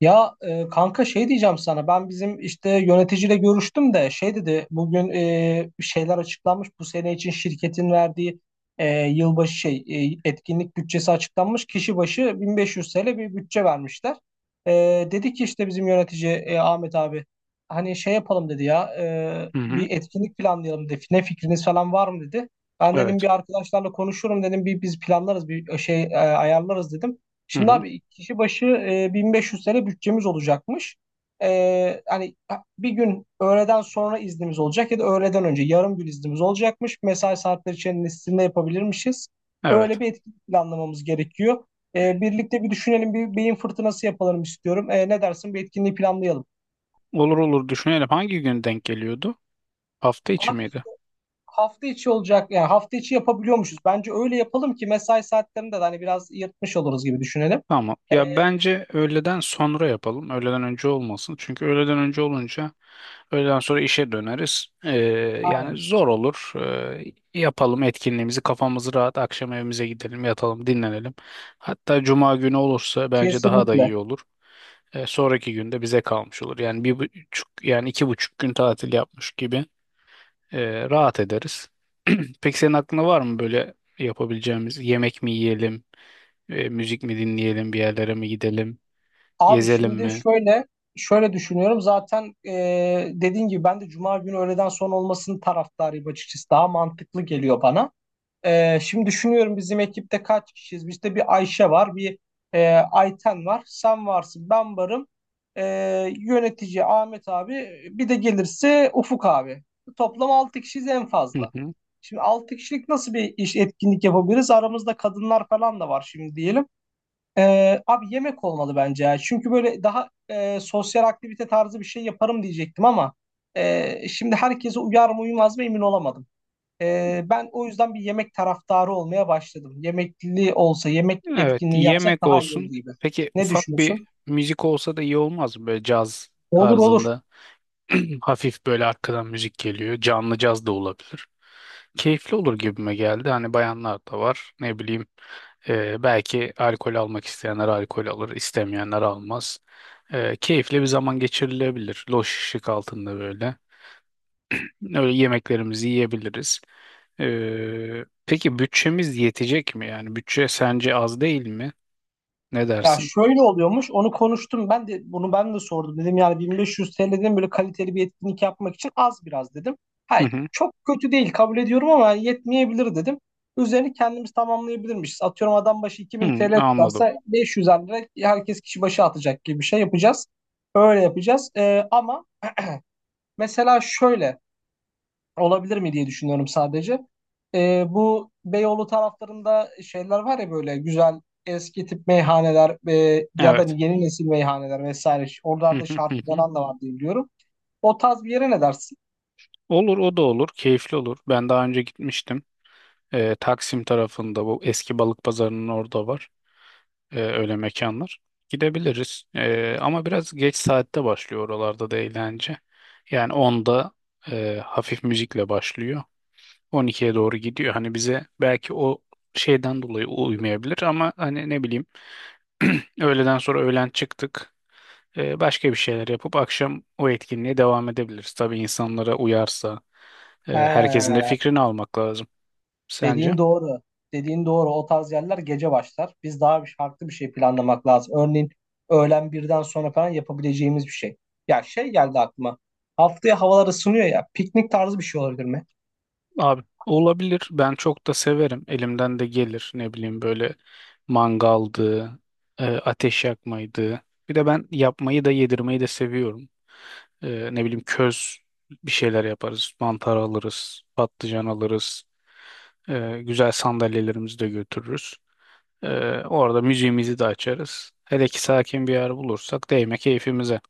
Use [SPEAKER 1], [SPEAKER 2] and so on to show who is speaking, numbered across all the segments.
[SPEAKER 1] Ya, kanka şey diyeceğim sana. Ben bizim işte yöneticiyle görüştüm de şey dedi bugün. Bir şeyler açıklanmış bu sene için şirketin verdiği yılbaşı şey etkinlik bütçesi açıklanmış. Kişi başı 1500 TL bir bütçe vermişler. E, Dedi ki işte bizim yönetici Ahmet abi hani şey yapalım dedi ya,
[SPEAKER 2] Hı hı.
[SPEAKER 1] bir etkinlik planlayalım dedi. Ne fikriniz falan var mı dedi? Ben
[SPEAKER 2] Evet.
[SPEAKER 1] dedim bir arkadaşlarla konuşurum dedim, bir biz planlarız, bir şey ayarlarız dedim.
[SPEAKER 2] Hı
[SPEAKER 1] Şimdi
[SPEAKER 2] hı.
[SPEAKER 1] abi kişi başı 1500 lira bütçemiz olacakmış. Hani bir gün öğleden sonra iznimiz olacak ya da öğleden önce yarım gün iznimiz olacakmış. Mesai saatleri içerisinde yapabilirmişiz.
[SPEAKER 2] Evet.
[SPEAKER 1] Öyle bir etkinlik planlamamız gerekiyor. Birlikte bir düşünelim, bir beyin fırtınası yapalım istiyorum. Ne dersin, bir etkinliği planlayalım.
[SPEAKER 2] Olur olur düşünelim. Hangi gün denk geliyordu? Hafta içi
[SPEAKER 1] Abi
[SPEAKER 2] miydi?
[SPEAKER 1] hafta içi olacak, yani hafta içi yapabiliyormuşuz. Bence öyle yapalım ki mesai saatlerinde de hani biraz yırtmış oluruz gibi düşünelim.
[SPEAKER 2] Tamam. Ya bence öğleden sonra yapalım. Öğleden önce olmasın. Çünkü öğleden önce olunca öğleden sonra işe döneriz. Yani
[SPEAKER 1] Abi,
[SPEAKER 2] zor olur. Yapalım etkinliğimizi. Kafamız rahat. Akşam evimize gidelim, yatalım, dinlenelim. Hatta cuma günü olursa bence daha da
[SPEAKER 1] kesinlikle.
[SPEAKER 2] iyi olur. Sonraki günde bize kalmış olur. Yani 1,5, yani 2,5 gün tatil yapmış gibi. Rahat ederiz. Peki senin aklında var mı böyle yapabileceğimiz yemek mi yiyelim, müzik mi dinleyelim, bir yerlere mi gidelim,
[SPEAKER 1] Abi
[SPEAKER 2] gezelim
[SPEAKER 1] şimdi
[SPEAKER 2] mi?
[SPEAKER 1] şöyle düşünüyorum. Zaten dediğin gibi ben de Cuma günü öğleden sonra olmasının taraftarıyım, açıkçası. Daha mantıklı geliyor bana. Şimdi düşünüyorum, bizim ekipte kaç kişiyiz? Bizde bir Ayşe var, bir Ayten var, sen varsın, ben varım. E, Yönetici Ahmet abi, bir de gelirse Ufuk abi. Toplam 6 kişiyiz en
[SPEAKER 2] Hı
[SPEAKER 1] fazla.
[SPEAKER 2] hı.
[SPEAKER 1] Şimdi 6 kişilik nasıl bir iş etkinlik yapabiliriz? Aramızda kadınlar falan da var şimdi diyelim. Abi yemek olmalı bence ya. Çünkü böyle daha sosyal aktivite tarzı bir şey yaparım diyecektim ama şimdi herkese uyar mı uymaz mı emin olamadım. Ben o yüzden bir yemek taraftarı olmaya başladım. Yemekli olsa, yemek
[SPEAKER 2] Evet,
[SPEAKER 1] etkinliği yapsak
[SPEAKER 2] yemek
[SPEAKER 1] daha iyi olur
[SPEAKER 2] olsun.
[SPEAKER 1] gibi.
[SPEAKER 2] Peki
[SPEAKER 1] Ne
[SPEAKER 2] ufak bir
[SPEAKER 1] düşünüyorsun?
[SPEAKER 2] müzik olsa da iyi olmaz mı böyle caz
[SPEAKER 1] Olur olur.
[SPEAKER 2] tarzında? Hafif böyle arkadan müzik geliyor. Canlı caz da olabilir. Keyifli olur gibime geldi. Hani bayanlar da var. Ne bileyim belki alkol almak isteyenler alkol alır, istemeyenler almaz. Keyifli bir zaman geçirilebilir. Loş ışık altında böyle. Öyle yemeklerimizi yiyebiliriz. Peki bütçemiz yetecek mi? Yani bütçe sence az değil mi? Ne
[SPEAKER 1] Ya
[SPEAKER 2] dersin?
[SPEAKER 1] şöyle oluyormuş. Onu konuştum. Ben de bunu ben de sordum. Dedim yani 1500 TL'den böyle kaliteli bir etkinlik yapmak için az biraz dedim.
[SPEAKER 2] Hı
[SPEAKER 1] Hayır,
[SPEAKER 2] hı.
[SPEAKER 1] çok kötü değil, kabul ediyorum ama yani yetmeyebilir dedim. Üzerini kendimiz tamamlayabilirmişiz. Atıyorum adam başı 2000
[SPEAKER 2] Hı,
[SPEAKER 1] TL
[SPEAKER 2] anladım.
[SPEAKER 1] tutarsa 500 lira herkes kişi başı atacak gibi bir şey yapacağız. Öyle yapacağız. Ama mesela şöyle olabilir mi diye düşünüyorum sadece. Bu Beyoğlu taraflarında şeyler var ya, böyle güzel eski tip meyhaneler ya da
[SPEAKER 2] Evet.
[SPEAKER 1] yeni nesil meyhaneler vesaire.
[SPEAKER 2] Hı
[SPEAKER 1] Oralarda
[SPEAKER 2] hı hı
[SPEAKER 1] şarkı
[SPEAKER 2] hı.
[SPEAKER 1] falan da var diye biliyorum. O tarz bir yere ne dersin?
[SPEAKER 2] Olur o da olur. Keyifli olur. Ben daha önce gitmiştim. Taksim tarafında bu eski balık pazarının orada var. Öyle mekanlar. Gidebiliriz. Ama biraz geç saatte başlıyor oralarda da eğlence. Yani onda hafif müzikle başlıyor. 12'ye doğru gidiyor. Hani bize belki o şeyden dolayı uymayabilir ama hani ne bileyim öğleden sonra öğlen çıktık. Başka bir şeyler yapıp akşam o etkinliğe devam edebiliriz. Tabii insanlara uyarsa
[SPEAKER 1] He,
[SPEAKER 2] herkesin de fikrini almak lazım. Sence?
[SPEAKER 1] dediğin doğru. Dediğin doğru. O tarz yerler gece başlar. Biz daha bir farklı bir şey planlamak lazım. Örneğin öğlen birden sonra falan yapabileceğimiz bir şey. Ya şey geldi aklıma. Haftaya havalar ısınıyor ya. Piknik tarzı bir şey olabilir mi?
[SPEAKER 2] Abi olabilir. Ben çok da severim. Elimden de gelir. Ne bileyim böyle mangaldı, ateş yakmaydı. Bir de ben yapmayı da yedirmeyi de seviyorum. Ne bileyim köz bir şeyler yaparız. Mantar alırız, patlıcan alırız. Güzel sandalyelerimizi de götürürüz. E, orada müziğimizi de açarız. Hele ki sakin bir yer bulursak değme keyfimize.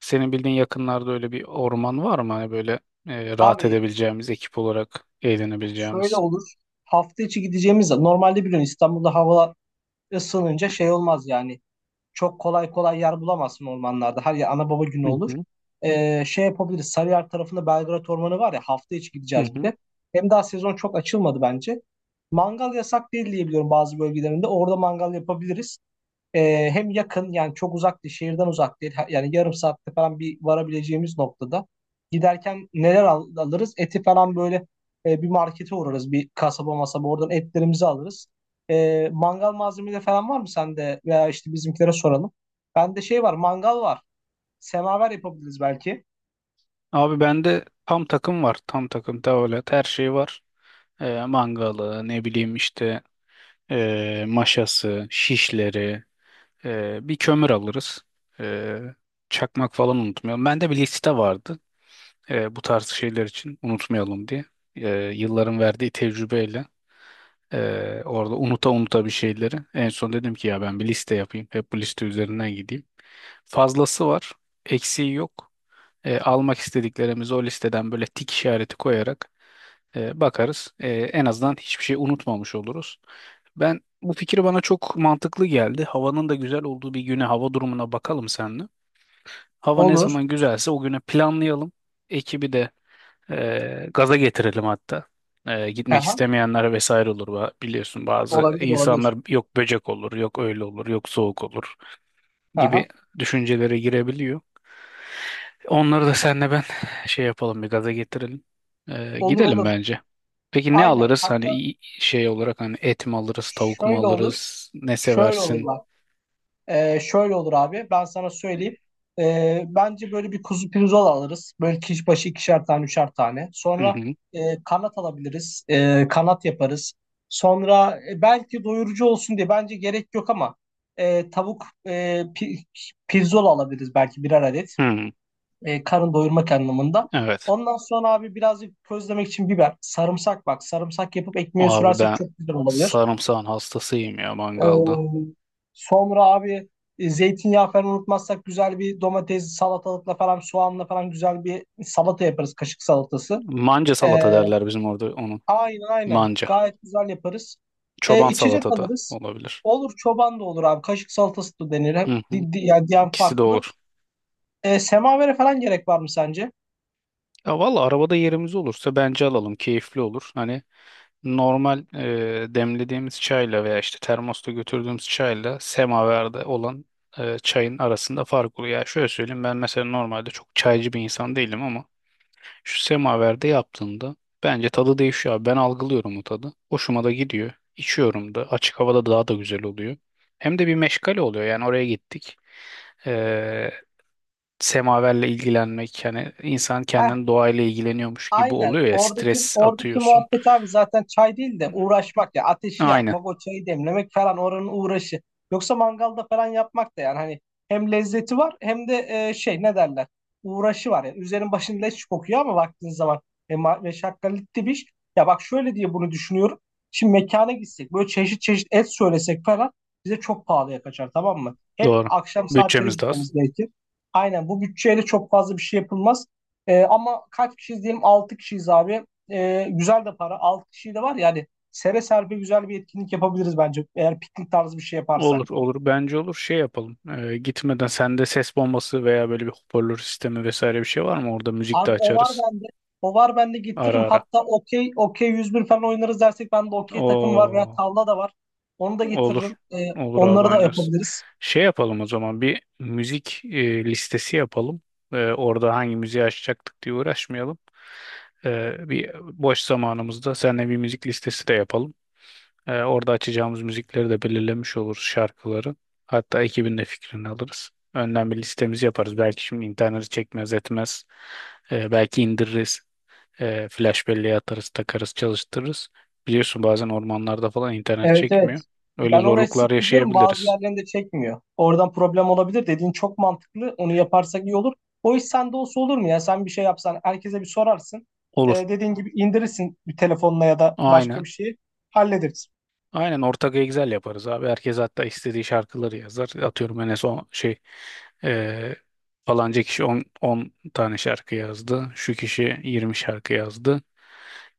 [SPEAKER 2] Senin bildiğin yakınlarda öyle bir orman var mı? Hani böyle rahat
[SPEAKER 1] Abi,
[SPEAKER 2] edebileceğimiz, ekip olarak
[SPEAKER 1] şöyle
[SPEAKER 2] eğlenebileceğimiz.
[SPEAKER 1] olur. Hafta içi gideceğimiz normalde biliyorsun İstanbul'da hava ısınınca şey olmaz yani. Çok kolay kolay yer bulamazsın ormanlarda. Her yer ana baba günü
[SPEAKER 2] Hı
[SPEAKER 1] olur.
[SPEAKER 2] hı,
[SPEAKER 1] Şey yapabiliriz. Sarıyer tarafında Belgrad Ormanı var ya, hafta içi
[SPEAKER 2] hı
[SPEAKER 1] gideceğiz bir
[SPEAKER 2] hı.
[SPEAKER 1] de. Hem daha sezon çok açılmadı bence. Mangal yasak değil diye biliyorum bazı bölgelerinde. Orada mangal yapabiliriz. Hem yakın, yani çok uzak değil, şehirden uzak değil. Yani yarım saatte falan bir varabileceğimiz noktada. Giderken neler alırız? Eti falan böyle bir markete uğrarız, bir kasaba masaba oradan etlerimizi alırız. Mangal malzemeleri falan var mı sende? Veya işte bizimkilere soralım. Bende şey var, mangal var. Semaver yapabiliriz belki.
[SPEAKER 2] Abi bende tam takım var. Tam takım tavolet her şey var. Mangalı ne bileyim işte maşası, şişleri, bir kömür alırız. Ee, çakmak falan unutmayalım. Bende bir liste vardı bu tarz şeyler için unutmayalım diye. Ee, yılların verdiği tecrübeyle orada unuta unuta bir şeyleri. En son dedim ki ya ben bir liste yapayım. Hep bu liste üzerinden gideyim. Fazlası var, eksiği yok. Almak istediklerimizi o listeden böyle tik işareti koyarak bakarız. En azından hiçbir şey unutmamış oluruz. Ben bu fikir bana çok mantıklı geldi. Havanın da güzel olduğu bir güne hava durumuna bakalım seninle. Hava ne
[SPEAKER 1] Olur.
[SPEAKER 2] zaman güzelse o güne planlayalım. Ekibi de gaza getirelim hatta. Gitmek
[SPEAKER 1] Aha.
[SPEAKER 2] istemeyenler vesaire olur. Biliyorsun bazı
[SPEAKER 1] Olabilir,
[SPEAKER 2] insanlar
[SPEAKER 1] olabilir.
[SPEAKER 2] yok böcek olur, yok öyle olur, yok soğuk olur
[SPEAKER 1] Aha.
[SPEAKER 2] gibi düşüncelere girebiliyor. Onları da senle ben şey yapalım bir gaza getirelim. Ee,
[SPEAKER 1] Olur
[SPEAKER 2] gidelim
[SPEAKER 1] olur.
[SPEAKER 2] bence. Peki ne
[SPEAKER 1] Aynen.
[SPEAKER 2] alırız? Hani
[SPEAKER 1] Hatta
[SPEAKER 2] şey olarak hani et mi alırız, tavuk mu
[SPEAKER 1] şöyle olur.
[SPEAKER 2] alırız? Ne
[SPEAKER 1] Şöyle olur
[SPEAKER 2] seversin?
[SPEAKER 1] bak. Şöyle olur abi. Ben sana söyleyeyim. Bence böyle bir kuzu pirzola alırız. Böyle kişi başı ikişer tane, üçer tane.
[SPEAKER 2] Hı
[SPEAKER 1] Sonra
[SPEAKER 2] hı.
[SPEAKER 1] e, kanat alabiliriz. Kanat yaparız. Sonra belki doyurucu olsun diye bence gerek yok ama tavuk pirzola alabiliriz belki birer adet.
[SPEAKER 2] Hı.
[SPEAKER 1] Karın doyurmak anlamında.
[SPEAKER 2] Evet.
[SPEAKER 1] Ondan sonra abi birazcık közlemek için biber, sarımsak bak. Sarımsak yapıp ekmeğe
[SPEAKER 2] Abi
[SPEAKER 1] sürersek
[SPEAKER 2] ben
[SPEAKER 1] çok güzel olabilir.
[SPEAKER 2] sarımsağın hastasıyım ya mangalda.
[SPEAKER 1] Ee, Sonra abi zeytinyağı falan unutmazsak güzel bir domates salatalıkla falan soğanla falan güzel bir salata yaparız, kaşık salatası.
[SPEAKER 2] Manca
[SPEAKER 1] Ee,
[SPEAKER 2] salata derler bizim orada onun.
[SPEAKER 1] aynen aynen
[SPEAKER 2] Manca.
[SPEAKER 1] gayet güzel yaparız.
[SPEAKER 2] Çoban
[SPEAKER 1] İçecek
[SPEAKER 2] salata da
[SPEAKER 1] alırız.
[SPEAKER 2] olabilir.
[SPEAKER 1] Olur, çoban da olur abi, kaşık salatası da denir. Hep,
[SPEAKER 2] Hı hı.
[SPEAKER 1] yani diyen
[SPEAKER 2] İkisi de
[SPEAKER 1] farklı.
[SPEAKER 2] olur.
[SPEAKER 1] Semavere falan gerek var mı sence?
[SPEAKER 2] Ya valla arabada yerimiz olursa bence alalım. Keyifli olur. Hani normal demlediğimiz çayla veya işte termosta götürdüğümüz çayla semaverde olan çayın arasında fark oluyor. Yani şöyle söyleyeyim ben mesela normalde çok çaycı bir insan değilim ama şu semaverde yaptığında bence tadı değişiyor abi. Ben algılıyorum o tadı. Hoşuma da gidiyor. İçiyorum da. Açık havada daha da güzel oluyor. Hem de bir meşgale oluyor. Yani oraya gittik. E, semaverle ilgilenmek yani insan kendini doğayla ilgileniyormuş gibi
[SPEAKER 1] Aynen.
[SPEAKER 2] oluyor ya
[SPEAKER 1] Oradaki
[SPEAKER 2] stres
[SPEAKER 1] oradaki
[SPEAKER 2] atıyorsun.
[SPEAKER 1] muhabbet abi zaten çay değil de uğraşmak ya. Ateşi
[SPEAKER 2] Aynen.
[SPEAKER 1] yakmak, o çayı demlemek falan oranın uğraşı. Yoksa mangalda falan yapmak da, yani hani hem lezzeti var hem de şey, ne derler? Uğraşı var yani. Üzerin başın leş kokuyor ama baktığın zaman meşakkatli bir iş. Ya bak şöyle diye bunu düşünüyorum. Şimdi mekana gitsek böyle çeşit çeşit et söylesek falan bize çok pahalıya kaçar, tamam mı? Hem
[SPEAKER 2] Doğru.
[SPEAKER 1] akşam saatleri
[SPEAKER 2] Bütçemiz de az.
[SPEAKER 1] gitmemiz gerekir. Aynen, bu bütçeyle çok fazla bir şey yapılmaz. Ama kaç kişiyiz diyeyim, 6 kişiyiz abi. Güzel de para. 6 kişi de var yani. Sere serpe güzel bir etkinlik yapabiliriz bence, eğer piknik tarzı bir şey yaparsak.
[SPEAKER 2] Olur olur bence olur şey yapalım. Gitmeden sende ses bombası veya böyle bir hoparlör sistemi vesaire bir şey var mı? Orada müzik de
[SPEAKER 1] Abi o var
[SPEAKER 2] açarız.
[SPEAKER 1] bende. O var bende, getiririm.
[SPEAKER 2] Ara ara.
[SPEAKER 1] Hatta okey, okey 101 falan oynarız dersek bende okey takım var veya
[SPEAKER 2] Oo,
[SPEAKER 1] tavla da var. Onu da
[SPEAKER 2] olur.
[SPEAKER 1] getiririm.
[SPEAKER 2] Olur abi
[SPEAKER 1] Onları da
[SPEAKER 2] oynarız.
[SPEAKER 1] yapabiliriz.
[SPEAKER 2] Şey yapalım o zaman bir müzik listesi yapalım. Orada hangi müziği açacaktık diye uğraşmayalım. Bir boş zamanımızda seninle bir müzik listesi de yapalım. Orada açacağımız müzikleri de belirlemiş oluruz şarkıları. Hatta ekibin de fikrini alırız. Önden bir listemizi yaparız. Belki şimdi interneti çekmez etmez. Belki indiririz. Flash belleğe atarız, takarız, çalıştırırız. Biliyorsun bazen ormanlarda falan internet
[SPEAKER 1] Evet
[SPEAKER 2] çekmiyor.
[SPEAKER 1] evet.
[SPEAKER 2] Öyle
[SPEAKER 1] Ben oraya
[SPEAKER 2] zorluklar
[SPEAKER 1] sık gidiyorum. Bazı
[SPEAKER 2] yaşayabiliriz.
[SPEAKER 1] yerlerinde çekmiyor. Oradan problem olabilir. Dediğin çok mantıklı. Onu yaparsak iyi olur. O iş sende olsa olur mu ya? Sen bir şey yapsan herkese bir sorarsın.
[SPEAKER 2] Olur.
[SPEAKER 1] Dediğin gibi indirirsin bir telefonla ya da başka
[SPEAKER 2] Aynen.
[SPEAKER 1] bir şeyi hallederiz.
[SPEAKER 2] Aynen ortak Excel yaparız abi. Herkes hatta istediği şarkıları yazar. Atıyorum en son şey eee falanca kişi 10 tane şarkı yazdı. Şu kişi 20 şarkı yazdı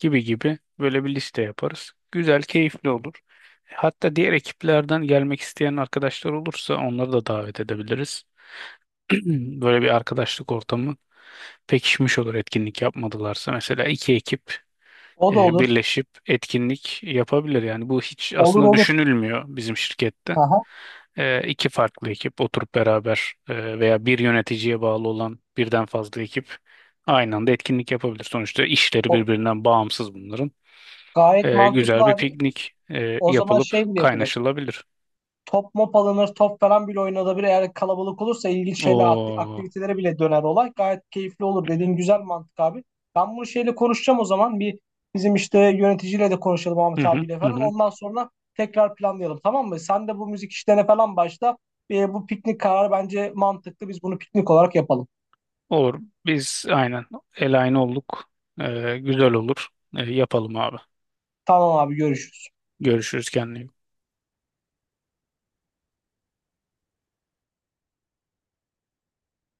[SPEAKER 2] gibi gibi böyle bir liste yaparız. Güzel, keyifli olur. Hatta diğer ekiplerden gelmek isteyen arkadaşlar olursa onları da davet edebiliriz. Böyle bir arkadaşlık ortamı pekişmiş olur etkinlik yapmadılarsa. Mesela iki ekip
[SPEAKER 1] O da olur.
[SPEAKER 2] birleşip etkinlik yapabilir. Yani bu hiç
[SPEAKER 1] Olur
[SPEAKER 2] aslında
[SPEAKER 1] olur.
[SPEAKER 2] düşünülmüyor bizim şirkette.
[SPEAKER 1] Aha.
[SPEAKER 2] E, iki farklı ekip oturup beraber veya bir yöneticiye bağlı olan birden fazla ekip aynı anda etkinlik yapabilir. Sonuçta işleri
[SPEAKER 1] O
[SPEAKER 2] birbirinden bağımsız bunların.
[SPEAKER 1] gayet
[SPEAKER 2] E,
[SPEAKER 1] mantıklı
[SPEAKER 2] güzel bir
[SPEAKER 1] abi.
[SPEAKER 2] piknik
[SPEAKER 1] O zaman
[SPEAKER 2] yapılıp
[SPEAKER 1] şey bile yapılır,
[SPEAKER 2] kaynaşılabilir.
[SPEAKER 1] top mop alınır, top falan bile oynanabilir. Eğer kalabalık olursa ilginç şeyler,
[SPEAKER 2] O
[SPEAKER 1] aktivitelere bile döner olay. Gayet keyifli olur. Dediğin güzel mantık abi. Ben bunu şeyle konuşacağım o zaman. Bir bizim işte yöneticiyle de konuşalım,
[SPEAKER 2] hı
[SPEAKER 1] Ahmet
[SPEAKER 2] hı
[SPEAKER 1] abiyle
[SPEAKER 2] hı
[SPEAKER 1] falan.
[SPEAKER 2] hı.
[SPEAKER 1] Ondan sonra tekrar planlayalım, tamam mı? Sen de bu müzik işlerine falan başla. Bu piknik kararı bence mantıklı. Biz bunu piknik olarak yapalım.
[SPEAKER 2] Olur. Biz aynen el aynı olduk. Güzel olur. Yapalım abi.
[SPEAKER 1] Tamam abi, görüşürüz.
[SPEAKER 2] Görüşürüz kendine. İyi bak.